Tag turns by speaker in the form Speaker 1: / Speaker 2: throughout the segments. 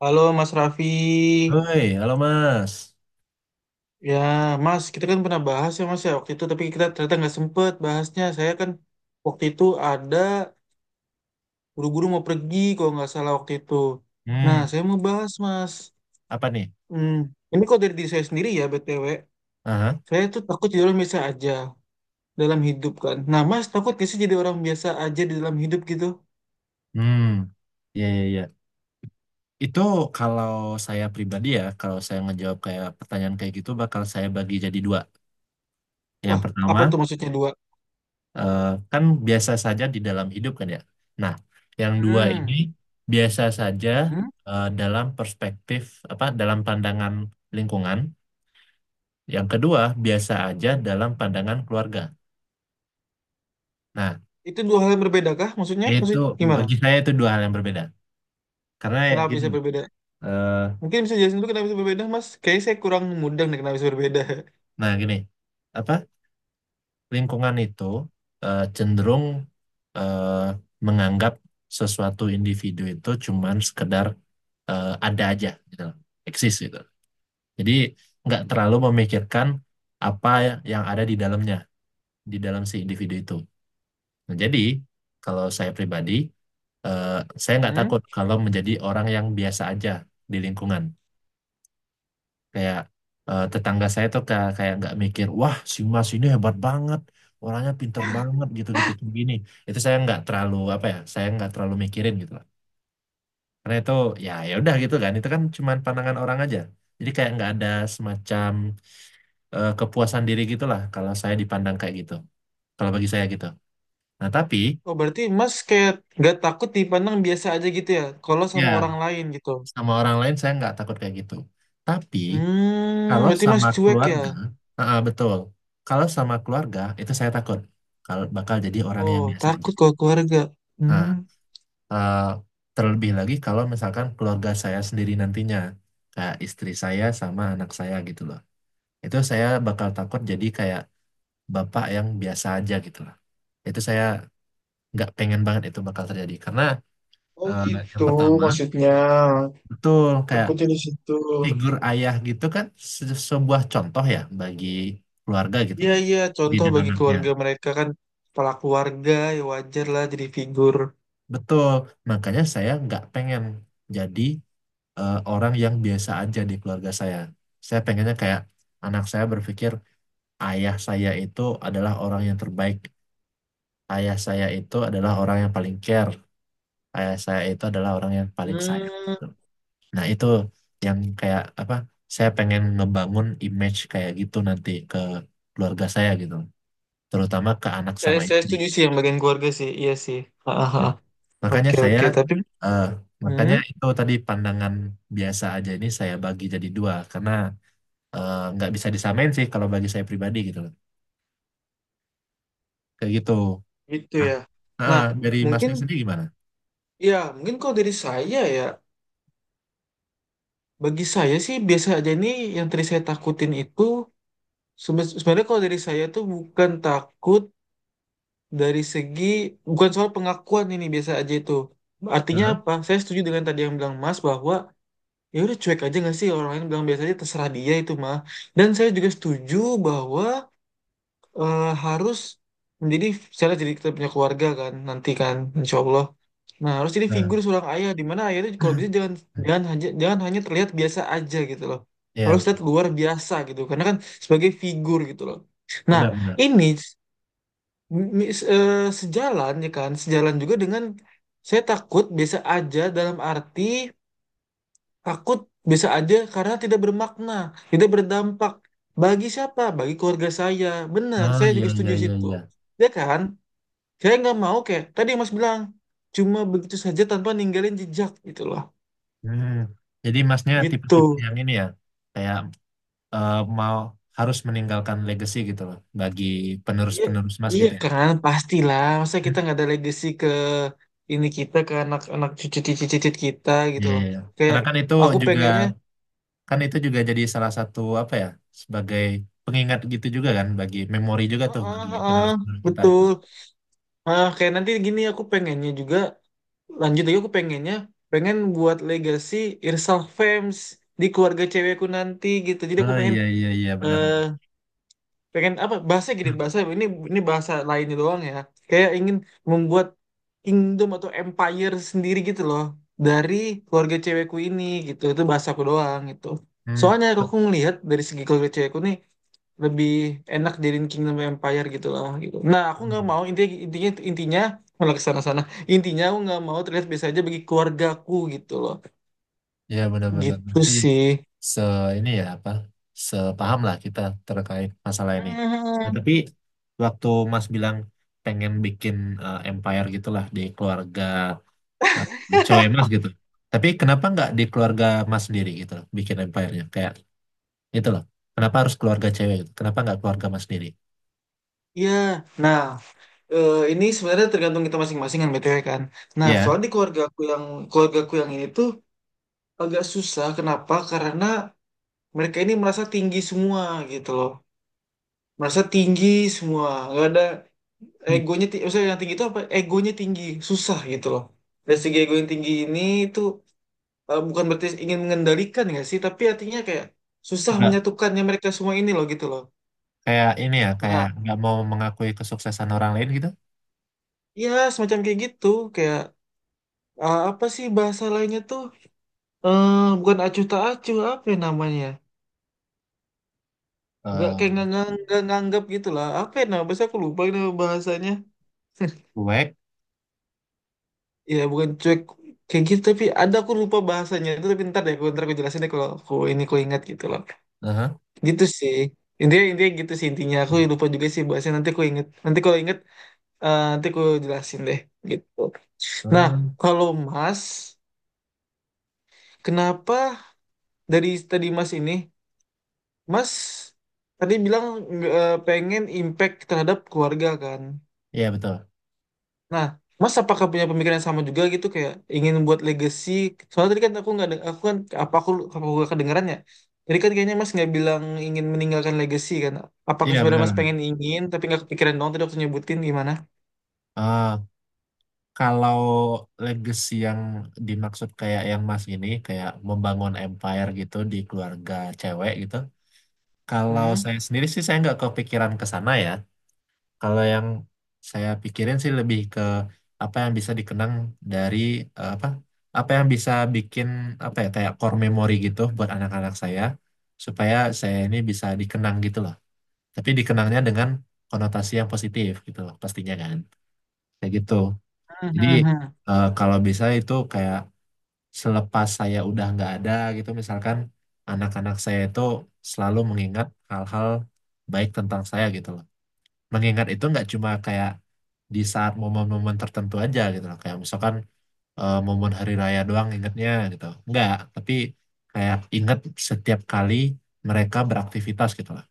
Speaker 1: Halo Mas Raffi,
Speaker 2: Hoi, halo Mas.
Speaker 1: ya Mas, kita kan pernah bahas ya Mas ya waktu itu, tapi kita ternyata nggak sempet bahasnya. Saya kan waktu itu ada buru-buru mau pergi kalau nggak salah waktu itu. Nah,
Speaker 2: Hmm.
Speaker 1: saya mau bahas Mas.
Speaker 2: Apa nih?
Speaker 1: Hmm, ini kok dari diri saya sendiri ya BTW.
Speaker 2: Aha.
Speaker 1: Saya tuh takut jadi orang biasa aja dalam hidup kan. Nah Mas, takut nggak sih jadi orang biasa aja di dalam hidup gitu?
Speaker 2: Hmm, ya, ya, ya. Itu kalau saya pribadi ya, kalau saya ngejawab kayak pertanyaan kayak gitu, bakal saya bagi jadi dua. Yang
Speaker 1: Wah,
Speaker 2: pertama,
Speaker 1: apa tuh maksudnya dua?
Speaker 2: eh, kan biasa saja di dalam hidup kan ya. Nah, yang dua ini
Speaker 1: Hmm,
Speaker 2: biasa saja,
Speaker 1: hmm.
Speaker 2: dalam perspektif apa? Dalam pandangan lingkungan. Yang kedua, biasa aja dalam pandangan keluarga. Nah,
Speaker 1: Itu dua hal yang berbeda kah? Maksudnya,
Speaker 2: itu
Speaker 1: maksudnya gimana?
Speaker 2: bagi saya itu dua hal yang berbeda. Karena ya
Speaker 1: Kenapa
Speaker 2: gini.
Speaker 1: bisa berbeda?
Speaker 2: eh,
Speaker 1: Mungkin bisa jelasin dulu kenapa bisa berbeda, Mas? Kayaknya saya kurang mudeng deh kenapa bisa berbeda.
Speaker 2: Nah, gini, apa lingkungan itu cenderung eh, menganggap sesuatu individu itu cuman sekedar ada aja, gitu, loh, eksis gitu. Jadi nggak terlalu memikirkan apa yang ada di dalamnya, di dalam si individu itu. Nah, jadi kalau saya pribadi, eh, saya nggak
Speaker 1: Hmm?
Speaker 2: takut kalau menjadi orang yang biasa aja di lingkungan. Kayak tetangga saya tuh kayak kayak nggak mikir, wah si Mas ini hebat banget, orangnya pinter banget, gitu-gitu kayak gini. Itu saya nggak terlalu, apa ya, saya nggak terlalu mikirin gitu lah. Karena itu ya, ya udah gitu kan, itu kan cuman pandangan orang aja. Jadi kayak nggak ada semacam kepuasan diri gitulah kalau saya dipandang kayak gitu, kalau bagi saya gitu. Nah tapi
Speaker 1: Oh, berarti Mas kayak gak takut dipandang biasa aja gitu ya, kalau sama
Speaker 2: ya,
Speaker 1: orang lain gitu.
Speaker 2: sama orang lain saya nggak takut kayak gitu, tapi
Speaker 1: Hmm,
Speaker 2: kalau
Speaker 1: berarti Mas
Speaker 2: sama
Speaker 1: cuek ya?
Speaker 2: keluarga, ah, ah, betul. Kalau sama keluarga itu saya takut kalau bakal jadi orang
Speaker 1: Oh,
Speaker 2: yang biasa aja.
Speaker 1: takut kalau keluarga.
Speaker 2: Nah,
Speaker 1: Hmm,
Speaker 2: eh, terlebih lagi kalau misalkan keluarga saya sendiri nantinya, kayak istri saya sama anak saya gitu loh. Itu saya bakal takut jadi kayak bapak yang biasa aja gitu loh. Itu saya nggak pengen banget itu bakal terjadi karena
Speaker 1: Oh
Speaker 2: eh, yang
Speaker 1: gitu
Speaker 2: pertama
Speaker 1: maksudnya.
Speaker 2: betul, kayak
Speaker 1: Takutnya di situ.
Speaker 2: figur ayah gitu kan sebuah contoh ya bagi keluarga gitu,
Speaker 1: Iya iya.
Speaker 2: di
Speaker 1: Contoh
Speaker 2: dan
Speaker 1: bagi
Speaker 2: anaknya.
Speaker 1: keluarga mereka kan kepala keluarga, ya wajar lah jadi figur.
Speaker 2: Betul, makanya saya nggak pengen jadi orang yang biasa aja di keluarga saya. Saya pengennya kayak anak saya berpikir ayah saya itu adalah orang yang terbaik, ayah saya itu adalah orang yang paling care, ayah saya itu adalah orang yang paling sayang,
Speaker 1: Hmm,
Speaker 2: gitu. Nah itu yang kayak apa? Saya pengen ngebangun image kayak gitu nanti ke keluarga saya gitu, terutama ke anak
Speaker 1: saya
Speaker 2: sama
Speaker 1: saya
Speaker 2: istri.
Speaker 1: setuju sih yang bagian keluarga sih. Iya sih. Ah, ah, ah.
Speaker 2: Makanya
Speaker 1: Oke
Speaker 2: saya,
Speaker 1: oke. Tapi,
Speaker 2: eh,
Speaker 1: hmm.
Speaker 2: makanya itu tadi pandangan biasa aja ini saya bagi jadi dua karena nggak bisa disamain sih kalau bagi saya pribadi gitu loh. Kayak gitu.
Speaker 1: Gitu
Speaker 2: Nah,
Speaker 1: ya. Nah,
Speaker 2: dari
Speaker 1: mungkin
Speaker 2: masnya sendiri gimana?
Speaker 1: mungkin kalau dari saya ya, bagi saya sih biasa aja nih yang tadi saya takutin itu sebenarnya kalau dari saya tuh bukan takut dari segi bukan soal pengakuan ini biasa aja itu. Artinya
Speaker 2: Heeh.
Speaker 1: apa? Saya setuju dengan tadi yang bilang Mas bahwa ya udah cuek aja nggak sih orang lain bilang biasa aja terserah dia itu mah. Dan saya juga setuju bahwa harus menjadi saya jadi kita punya keluarga kan nanti kan insya Allah. Nah, harus jadi
Speaker 2: Nah,
Speaker 1: figur seorang ayah di mana ayah itu kalau bisa jangan jangan hanya terlihat biasa aja gitu loh.
Speaker 2: ya
Speaker 1: Harus terlihat
Speaker 2: betul.
Speaker 1: luar biasa gitu karena kan sebagai figur gitu loh. Nah,
Speaker 2: Benar-benar.
Speaker 1: ini sejalan ya kan, sejalan juga dengan saya takut biasa aja dalam arti takut biasa aja karena tidak bermakna, tidak berdampak bagi siapa? Bagi keluarga saya. Benar,
Speaker 2: Oh,
Speaker 1: saya
Speaker 2: iya,
Speaker 1: juga
Speaker 2: iya,
Speaker 1: setuju
Speaker 2: iya,
Speaker 1: situ.
Speaker 2: iya.
Speaker 1: Ya kan? Saya nggak mau kayak tadi Mas bilang cuma begitu saja tanpa ninggalin jejak gitu loh
Speaker 2: Hmm. Jadi masnya
Speaker 1: gitu
Speaker 2: tipe-tipe yang ini ya, kayak mau harus meninggalkan legacy gitu loh bagi
Speaker 1: iya
Speaker 2: penerus-penerus mas
Speaker 1: iya
Speaker 2: gitu ya.
Speaker 1: kan pastilah masa
Speaker 2: Hmm.
Speaker 1: kita nggak ada legacy ke ini kita ke anak-anak cucu cucu-cucu-cucu kita gitu
Speaker 2: Iya,
Speaker 1: loh
Speaker 2: iya, iya.
Speaker 1: kayak
Speaker 2: Karena kan itu
Speaker 1: aku
Speaker 2: juga
Speaker 1: pengennya
Speaker 2: Kan itu juga jadi salah satu apa ya, sebagai pengingat gitu juga kan bagi memori juga tuh
Speaker 1: heeh
Speaker 2: bagi
Speaker 1: heeh
Speaker 2: penerus-penerus kita itu.
Speaker 1: betul ah kayak nanti gini aku pengennya juga lanjut lagi aku pengennya pengen buat legacy Irsal Fems di keluarga cewekku nanti gitu jadi aku
Speaker 2: Oh,
Speaker 1: pengen
Speaker 2: iya, iya, iya, benar.
Speaker 1: eh pengen apa bahasa gini bahasa ini bahasa lainnya doang ya kayak ingin membuat kingdom atau empire sendiri gitu loh dari keluarga cewekku ini gitu itu bahasaku doang gitu
Speaker 2: Hmm.
Speaker 1: soalnya aku ngelihat dari segi keluarga cewekku nih lebih enak jadiin kingdom empire gitu lah gitu nah aku nggak mau intinya intinya intinya malah kesana sana intinya aku nggak mau terlihat biasa aja bagi keluargaku gitu loh
Speaker 2: Ya, benar-benar
Speaker 1: gitu
Speaker 2: nanti
Speaker 1: sih.
Speaker 2: se ini ya apa, sepaham lah kita terkait masalah ini. Nah,
Speaker 1: Hmm,
Speaker 2: tapi waktu Mas bilang pengen bikin empire gitulah di keluarga eh, cewek Mas gitu. Tapi kenapa nggak di keluarga Mas sendiri gitu bikin empire-nya, kayak itu loh. Kenapa harus keluarga cewek gitu? Kenapa nggak keluarga mas sendiri?
Speaker 1: ya. nah ini sebenarnya tergantung kita masing-masing kan BTW kan. Nah,
Speaker 2: Iya.
Speaker 1: soalnya di keluarga aku yang ini tuh agak susah. Kenapa? Karena mereka ini merasa tinggi semua gitu loh. Merasa tinggi semua. Gak ada egonya. Maksudnya yang tinggi itu apa? Egonya tinggi. Susah gitu loh. Dari segi ego yang tinggi ini itu bukan berarti ingin mengendalikan nggak sih, tapi artinya kayak susah
Speaker 2: Nggak,
Speaker 1: menyatukannya mereka semua ini loh gitu loh.
Speaker 2: kayak ini ya, kayak
Speaker 1: Nah,
Speaker 2: nggak mau mengakui kesuksesan orang lain gitu.
Speaker 1: ya semacam kayak gitu. Kayak apa sih bahasa lainnya tuh? Bukan acuh tak acuh apa ya namanya nggak kayak
Speaker 2: Eh,
Speaker 1: nggak nganggap gitu lah apa ya namanya. Biasanya aku lupa ini nama bahasanya
Speaker 2: cuek.
Speaker 1: ya bukan cuek kayak gitu tapi ada aku lupa bahasanya itu tapi ntar deh aku ntar aku jelasin deh kalau aku ini aku ingat gitu loh
Speaker 2: Aha.
Speaker 1: gitu sih intinya intinya gitu sih intinya aku lupa juga sih bahasanya nanti aku inget nanti kalau inget nanti aku jelasin deh gitu nah
Speaker 2: Hmm,
Speaker 1: kalau Mas kenapa dari tadi Mas ini Mas tadi bilang nggak, pengen impact terhadap keluarga kan.
Speaker 2: iya, betul.
Speaker 1: Nah, Mas apakah punya pemikiran yang sama juga gitu kayak ingin buat legacy? Soalnya tadi kan aku nggak deng- aku kan apa aku nggak kedengeran ya? Tadi kan kayaknya Mas nggak bilang ingin meninggalkan legacy kan? Apakah
Speaker 2: Iya,
Speaker 1: sebenarnya
Speaker 2: benar.
Speaker 1: Mas pengen ingin tapi nggak kepikiran dong tadi waktu nyebutin gimana?
Speaker 2: Eh, kalau legacy yang dimaksud kayak yang mas ini, kayak membangun empire gitu di keluarga cewek gitu. Kalau
Speaker 1: Hmm?
Speaker 2: saya sendiri sih saya nggak kepikiran ke sana ya. Kalau yang saya pikirin sih lebih ke apa yang bisa dikenang dari apa apa yang bisa bikin, apa ya, kayak core memory gitu buat anak-anak saya supaya saya ini bisa dikenang gitu loh. Tapi dikenangnya dengan konotasi yang positif gitu loh pastinya kan. Kayak gitu.
Speaker 1: Hmm,
Speaker 2: Jadi
Speaker 1: hmm, hmm.
Speaker 2: kalau bisa itu kayak selepas saya udah nggak ada gitu misalkan anak-anak saya itu selalu mengingat hal-hal baik tentang saya gitu loh, mengingat itu nggak cuma kayak di saat momen-momen tertentu aja gitu loh, kayak misalkan momen hari raya doang ingatnya gitu nggak, tapi kayak ingat setiap kali mereka beraktivitas gitu loh.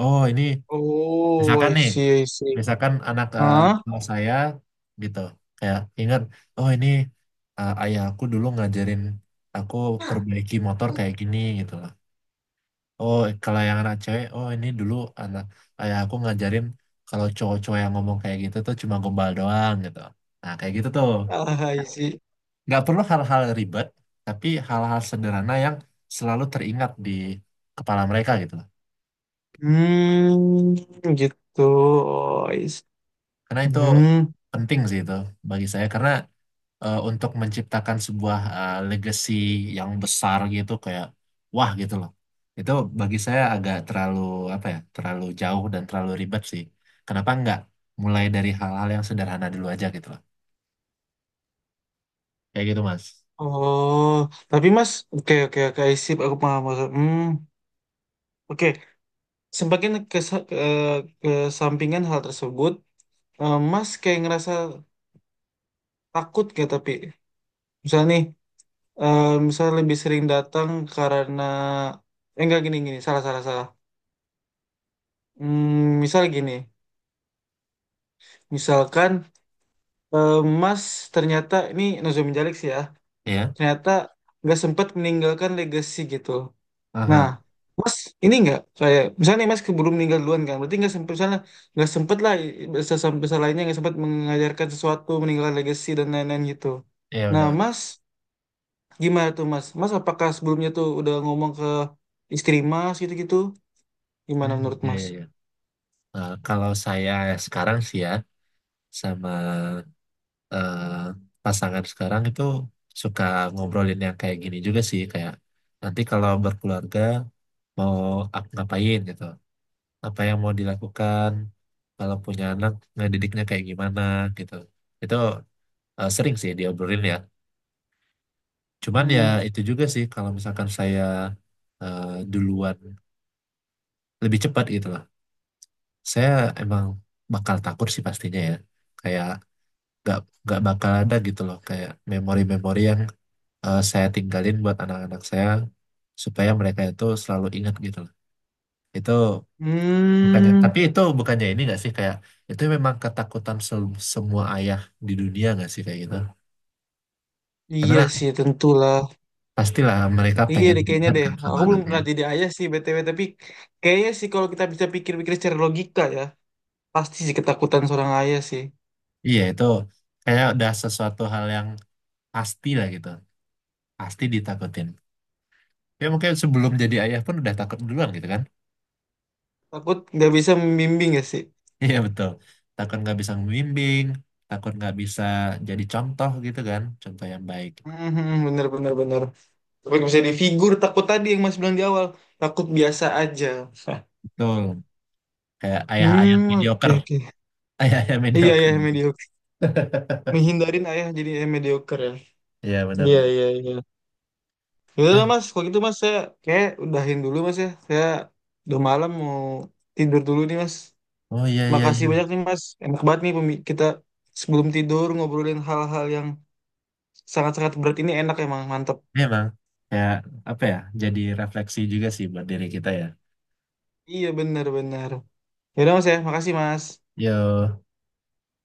Speaker 2: Oh ini
Speaker 1: Oh,
Speaker 2: misalkan
Speaker 1: I
Speaker 2: nih,
Speaker 1: see, I see.
Speaker 2: misalkan anak
Speaker 1: Hah?
Speaker 2: kelas saya gitu, kayak ingat, oh ini ayah aku dulu ngajarin aku perbaiki motor kayak gini gitu loh. Oh, kalau yang anak cewek, oh ini dulu anak ayah aku ngajarin kalau cowok-cowok yang ngomong kayak gitu tuh cuma gombal doang gitu. Nah, kayak gitu tuh.
Speaker 1: Ah, I see.
Speaker 2: Nggak perlu hal-hal ribet, tapi hal-hal sederhana yang selalu teringat di kepala mereka gitu loh.
Speaker 1: Hmm, gitu. Oh, I see.
Speaker 2: Karena itu
Speaker 1: Hmm.
Speaker 2: penting sih itu bagi saya, karena untuk menciptakan sebuah legacy yang besar gitu, kayak, wah gitu loh. Itu bagi saya agak terlalu, apa ya, terlalu jauh dan terlalu ribet sih. Kenapa nggak mulai dari hal-hal yang sederhana dulu aja gitu loh. Kayak gitu Mas.
Speaker 1: Oh, tapi Mas, oke oke oke, aku paham. Hmm, oke. Semakin ke sampingan hal tersebut, Mas kayak ngerasa takut gak tapi misal nih, misal lebih sering datang karena eh, enggak gini gini, salah salah salah. Hmm, misal gini, misalkan eh, Mas ternyata ini Nozomi Jalik sih ya,
Speaker 2: Iya.
Speaker 1: ternyata nggak sempat meninggalkan legacy gitu. Nah,
Speaker 2: Aha.
Speaker 1: Mas ini nggak saya misalnya nih Mas keburu meninggal duluan kan, berarti nggak sempet misalnya nggak sempet lah besar besar lainnya nggak sempat mengajarkan sesuatu meninggalkan legacy dan lain-lain gitu.
Speaker 2: Iya,
Speaker 1: Nah,
Speaker 2: benar.
Speaker 1: Mas gimana tuh Mas? Mas apakah sebelumnya tuh udah ngomong ke istri Mas gitu-gitu? Gimana
Speaker 2: Hmm,
Speaker 1: menurut
Speaker 2: iya,
Speaker 1: Mas?
Speaker 2: iya, iya. Kalau saya sekarang sih ya sama eh, pasangan sekarang itu suka ngobrolin yang kayak gini juga sih, kayak nanti kalau berkeluarga mau ngapain gitu, apa yang mau dilakukan, kalau punya anak ngedidiknya kayak gimana gitu. Itu sering sih diobrolin ya, cuman ya
Speaker 1: Hmm.
Speaker 2: itu juga sih kalau misalkan saya eh, duluan lebih cepat gitu lah, saya emang bakal takut sih pastinya ya, kayak gak, gak bakal ada gitu loh kayak memori-memori yang saya tinggalin buat anak-anak saya supaya mereka itu selalu ingat gitu loh. Itu bukannya, tapi
Speaker 1: Hmm,
Speaker 2: itu bukannya ini nggak sih, kayak itu memang ketakutan semua ayah di dunia nggak sih kayak gitu?
Speaker 1: iya
Speaker 2: Karena
Speaker 1: sih tentulah.
Speaker 2: pastilah mereka
Speaker 1: Iya
Speaker 2: pengen
Speaker 1: deh kayaknya
Speaker 2: diingat
Speaker 1: deh.
Speaker 2: kan sama
Speaker 1: Aku belum
Speaker 2: anaknya.
Speaker 1: pernah jadi ayah sih BTW tapi kayaknya sih kalau kita bisa pikir-pikir secara logika ya, pasti sih ketakutan seorang ayah sih.
Speaker 2: Iya itu kayak udah sesuatu hal yang pasti lah gitu, pasti ditakutin. Ya mungkin sebelum jadi ayah pun udah takut duluan gitu kan?
Speaker 1: Takut nggak bisa membimbing ya sih.
Speaker 2: Iya betul, takut nggak bisa membimbing, takut nggak bisa jadi contoh gitu kan, contoh yang baik.
Speaker 1: Mhm, bener bener bener tapi bisa di figur takut tadi yang mas bilang di awal takut biasa aja.
Speaker 2: Betul. Kayak ayah-ayah
Speaker 1: Hmm oke
Speaker 2: mediocre.
Speaker 1: oke
Speaker 2: Ayah-ayah
Speaker 1: iya
Speaker 2: mediocre
Speaker 1: iya
Speaker 2: gitu.
Speaker 1: mediocre menghindarin ayah jadi mediocre ya
Speaker 2: Iya,
Speaker 1: iya
Speaker 2: benar-benar.
Speaker 1: iya iya. Yaudah lah
Speaker 2: Ya.
Speaker 1: mas kalau gitu mas saya kayak udahin dulu mas ya saya udah malam mau tidur dulu nih mas
Speaker 2: Oh, iya, iya, iya.
Speaker 1: makasih banyak nih mas enak banget nih kita sebelum tidur ngobrolin hal-hal yang sangat-sangat berat ini enak emang mantep
Speaker 2: Memang kayak apa ya? Jadi refleksi juga sih buat diri kita ya.
Speaker 1: iya benar-benar. Yaudah mas ya, makasih mas.
Speaker 2: Yo.